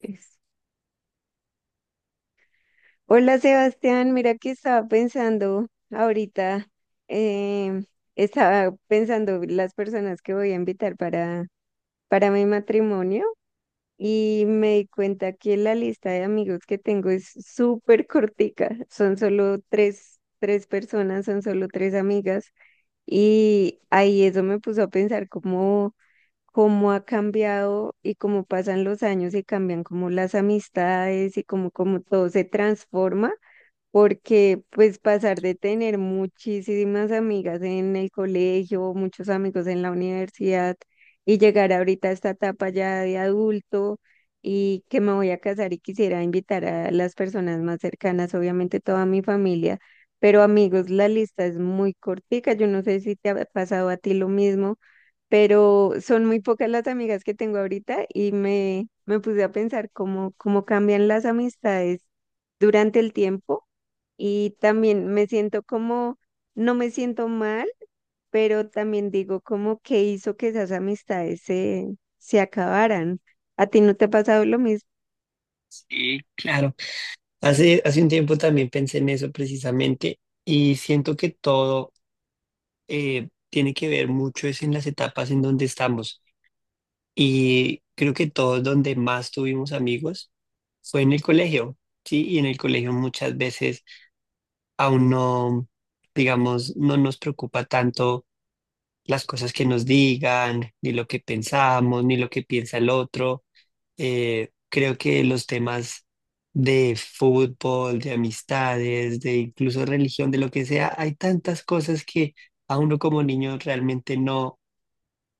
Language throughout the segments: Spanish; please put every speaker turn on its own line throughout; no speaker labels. Es- Hola Sebastián, mira que estaba pensando ahorita, em, estaba pensando las personas que voy a invitar para mi matrimonio. Y me di cuenta que la lista de amigos que tengo es súper cortica, son solo tres personas, son solo tres amigas. Y ahí eso me puso a pensar cómo ha cambiado y cómo pasan los años y cambian como las amistades y cómo todo se transforma. Porque pues pasar de tener muchísimas amigas en el colegio, muchos amigos en la universidad y llegar ahorita a esta etapa ya de adulto, y que me voy a casar y quisiera invitar a las personas más cercanas, obviamente toda mi familia, pero amigos, la lista es muy cortica. Yo no sé si te ha pasado a ti lo mismo, pero son muy pocas las amigas que tengo ahorita, y me puse a pensar cómo cambian las amistades durante el tiempo. Y también me siento como, no me siento mal, pero también digo como que hizo que esas amistades se acabaran. ¿A ti no te ha pasado lo mismo?
Sí, claro. Hace un tiempo también pensé en eso precisamente y siento que todo tiene que ver mucho es en las etapas en donde estamos, y creo que todos donde más tuvimos amigos fue en el colegio, ¿sí? Y en el colegio muchas veces aún no, digamos, no nos preocupa tanto las cosas que nos digan, ni lo que pensamos, ni lo que piensa el otro. Creo que los temas de fútbol, de amistades, de incluso religión, de lo que sea, hay tantas cosas que a uno como niño realmente no,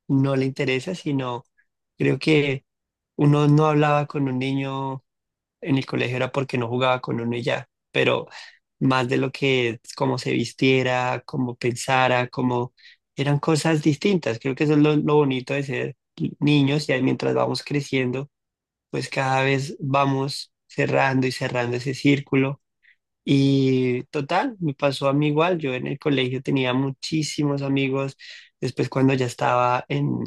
no le interesa, sino creo que uno no hablaba con un niño en el colegio era porque no jugaba con uno y ya, pero más de lo que es cómo se vistiera, cómo pensara, cómo, eran cosas distintas. Creo que eso es lo bonito de ser niños, y ahí mientras vamos creciendo pues cada vez vamos cerrando y cerrando ese círculo. Y total, me pasó a mí igual. Yo en el colegio tenía muchísimos amigos. Después cuando ya estaba en,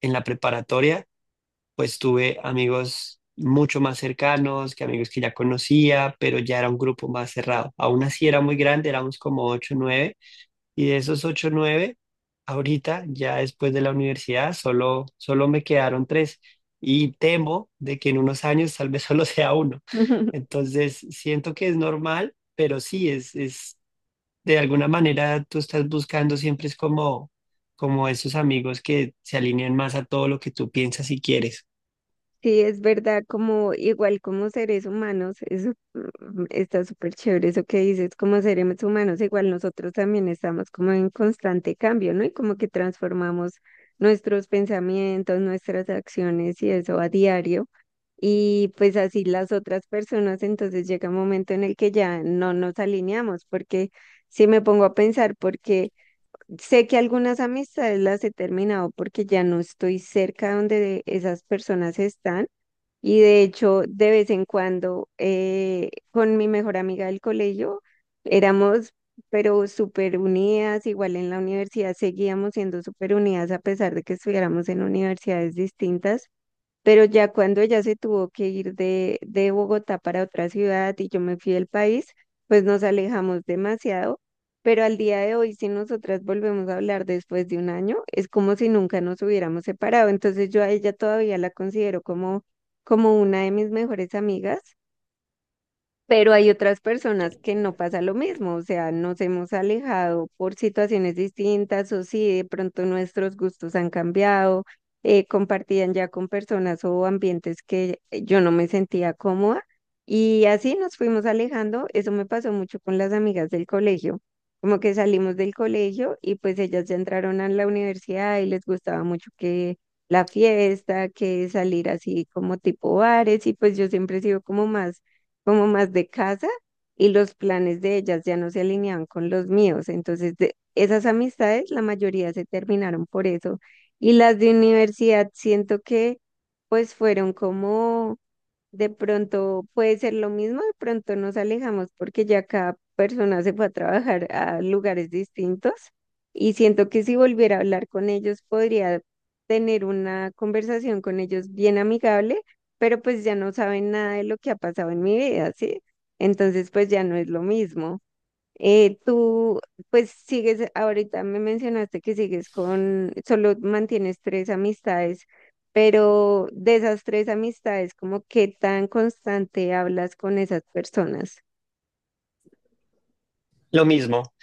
en la preparatoria, pues tuve amigos mucho más cercanos que amigos que ya conocía, pero ya era un grupo más cerrado. Aún así era muy grande, éramos como ocho o, y de esos ocho, nueve, ahorita, ya después de la universidad, solo me quedaron tres. Y temo de que en unos años tal vez solo sea uno. Entonces, siento que es normal, pero sí, es de alguna manera tú estás buscando siempre es como esos amigos que se alinean más a todo lo que tú piensas y quieres.
Sí, es verdad, como igual como seres humanos, eso está súper chévere eso que dices. Como seres humanos, igual nosotros también estamos como en constante cambio, ¿no? Y como que transformamos nuestros pensamientos, nuestras acciones y eso a diario. Y pues así las otras personas, entonces llega un momento en el que ya no nos alineamos, porque si me pongo a pensar, porque sé que algunas amistades las he terminado porque ya no estoy cerca donde esas personas están. Y de hecho, de vez en cuando, con mi mejor amiga del colegio, éramos, pero súper unidas, igual en la universidad seguíamos siendo súper unidas a pesar de que estuviéramos en universidades distintas. Pero ya cuando ella se tuvo que ir de Bogotá para otra ciudad y yo me fui del país, pues nos alejamos demasiado. Pero al día de hoy, si nosotras volvemos a hablar después de un año, es como si nunca nos hubiéramos separado. Entonces yo a ella todavía la considero como, como una de mis mejores amigas. Pero hay otras personas que no pasa lo mismo, o sea, nos hemos alejado por situaciones distintas, o sí, de pronto nuestros gustos han cambiado, compartían ya con personas o ambientes que yo no me sentía cómoda, y así nos fuimos alejando. Eso me pasó mucho con las amigas del colegio, como que salimos del colegio y pues ellas ya entraron a la universidad y les gustaba mucho que la fiesta, que salir así como tipo bares, y pues yo siempre he sido como más, como más de casa, y los planes de ellas ya no se alineaban con los míos. Entonces, de esas amistades, la mayoría se terminaron por eso. Y las de universidad, siento que pues fueron como, de pronto puede ser lo mismo, de pronto nos alejamos porque ya cada persona se fue a trabajar a lugares distintos, y siento que si volviera a hablar con ellos podría tener una conversación con ellos bien amigable, pero pues ya no saben nada de lo que ha pasado en mi vida, ¿sí? Entonces pues ya no es lo mismo. Eh, tú, pues sigues, ahorita me mencionaste que sigues solo mantienes tres amistades, pero de esas tres amistades, ¿como qué tan constante hablas con esas personas?
Lo mismo.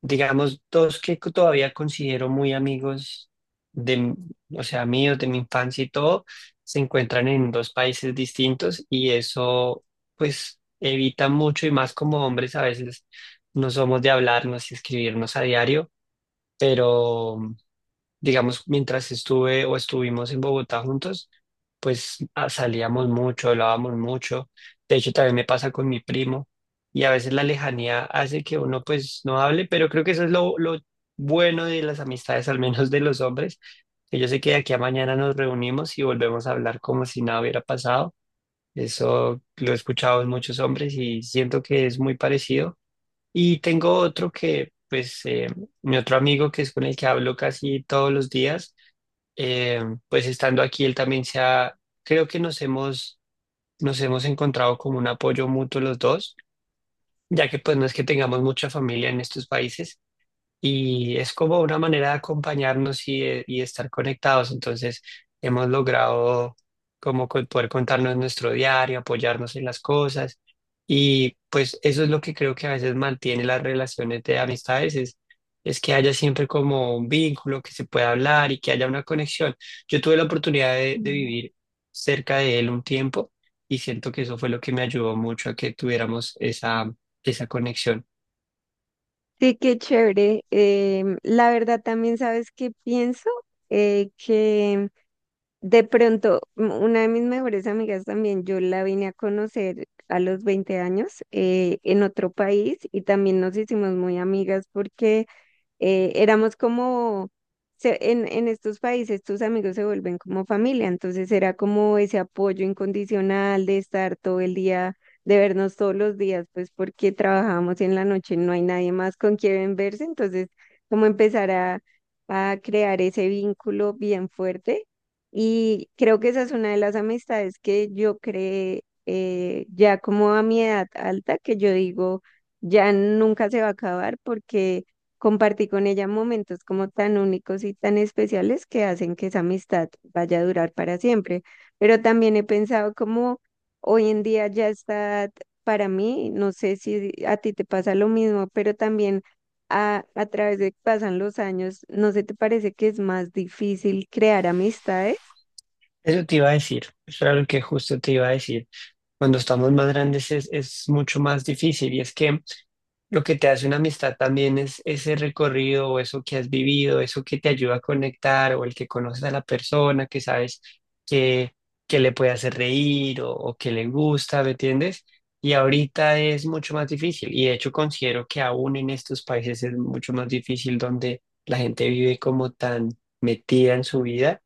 Digamos, dos que todavía considero muy amigos de, m- o sea, míos de mi infancia y todo, se encuentran en dos países distintos y eso, pues, evita mucho, y más como hombres a veces no somos de hablarnos y escribirnos a diario, pero digamos, mientras estuve o estuvimos en Bogotá juntos, pues salíamos mucho, hablábamos mucho. De hecho, también me pasa con mi primo, y a veces la lejanía hace que uno pues no hable, pero creo que eso es lo bueno de las amistades, al menos de los hombres, que yo sé que de aquí a mañana nos reunimos y volvemos a hablar como si nada hubiera pasado. Eso lo he escuchado en muchos hombres y siento que es muy parecido. Y tengo otro que, pues, mi otro amigo que es con el que hablo casi todos los días. Eh, pues estando aquí, él también creo que nos hemos encontrado como un apoyo mutuo los dos, ya que pues no es que tengamos mucha familia en estos países y es como una manera de acompañarnos y, y de estar conectados. Entonces, hemos logrado como poder contarnos nuestro diario, apoyarnos en las cosas, y pues eso es lo que creo que a veces mantiene las relaciones de amistades, es que haya siempre como un vínculo, que se pueda hablar y que haya una conexión. Yo tuve la oportunidad de
Mm.
vivir cerca de él un tiempo y siento que eso fue lo que me ayudó mucho a que tuviéramos esa conexión.
Sí, qué chévere. La verdad también sabes que pienso que de pronto una de mis mejores amigas también, yo la vine a conocer a los 20 años, en otro país, y también nos hicimos muy amigas porque éramos como, en estos países tus amigos se vuelven como familia, entonces era como ese apoyo incondicional de estar todo el día, de vernos todos los días, pues porque trabajábamos en la noche, no hay nadie más con quien verse, entonces como empezar a crear ese vínculo bien fuerte. Y creo que esa es una de las amistades que yo creé, ya como a mi edad alta, que yo digo, ya nunca se va a acabar porque compartí con ella momentos como tan únicos y tan especiales que hacen que esa amistad vaya a durar para siempre. Pero también he pensado como hoy en día ya está, para mí, no sé si a ti te pasa lo mismo, pero también a través de que pasan los años, ¿no se te parece que es más difícil crear amistades?
Eso te iba a decir, eso era lo que justo te iba a decir. Cuando estamos más grandes es mucho más difícil, y es que lo que te hace una amistad también es ese recorrido o eso que has vivido, eso que te ayuda a conectar o el que conoces a la persona, que sabes que, que le puede hacer reír o que le gusta, ¿me entiendes? Y ahorita es mucho más difícil, y de hecho considero que aún en estos países es mucho más difícil, donde la gente vive como tan metida en su vida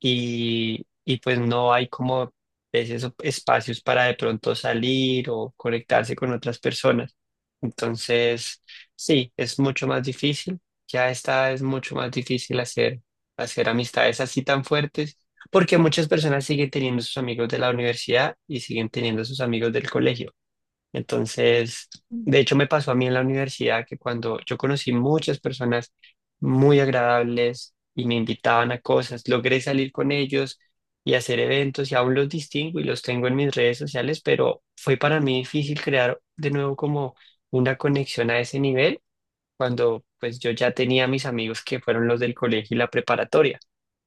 y pues no hay como esos espacios para de pronto salir o conectarse con otras personas. Entonces, sí, es mucho más difícil. Ya está, es mucho más difícil hacer amistades así tan fuertes, porque muchas personas siguen teniendo sus amigos de la universidad y siguen teniendo sus amigos del colegio. Entonces, de hecho me pasó a mí en la universidad que cuando yo conocí muchas personas muy agradables y me invitaban a cosas, logré salir con ellos y hacer eventos, y aún los distingo y los tengo en mis redes sociales, pero fue para mí difícil crear de nuevo como una conexión a ese nivel cuando pues yo ya tenía mis amigos que fueron los del colegio y la preparatoria.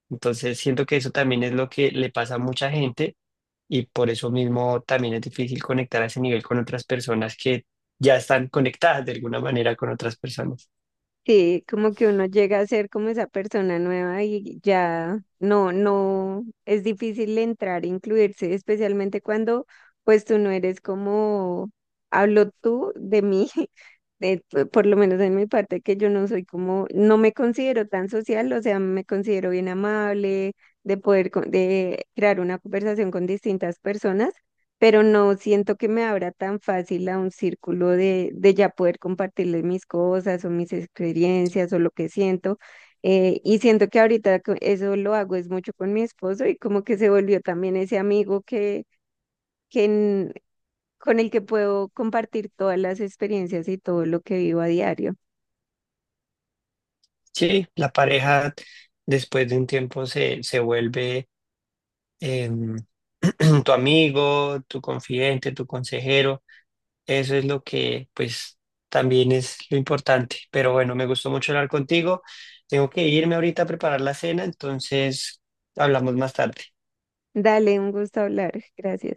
Entonces siento que eso también es lo que le pasa a mucha gente, y por eso mismo también es difícil conectar a ese nivel con otras personas que ya están conectadas de alguna manera con otras personas.
Sí, como que uno llega a ser como esa persona nueva y ya no, es difícil entrar, incluirse, especialmente cuando pues tú no eres como, hablo tú de mí, de- por lo menos en mi parte, que yo no soy como, no me considero tan social, o sea, me considero bien amable, de poder, de crear una conversación con distintas personas, pero no siento que me abra tan fácil a un círculo de ya poder compartirle mis cosas o mis experiencias o lo que siento. Y siento que ahorita eso lo hago es mucho con mi esposo, y como que se volvió también ese amigo que en- con el que puedo compartir todas las experiencias y todo lo que vivo a diario.
Sí, la pareja después de un tiempo se vuelve em, tu amigo, tu confidente, tu consejero. Eso es lo que pues también es lo importante. Pero bueno, me gustó mucho hablar contigo. Tengo que irme ahorita a preparar la cena, entonces hablamos más tarde.
Dale, un gusto hablar. Gracias.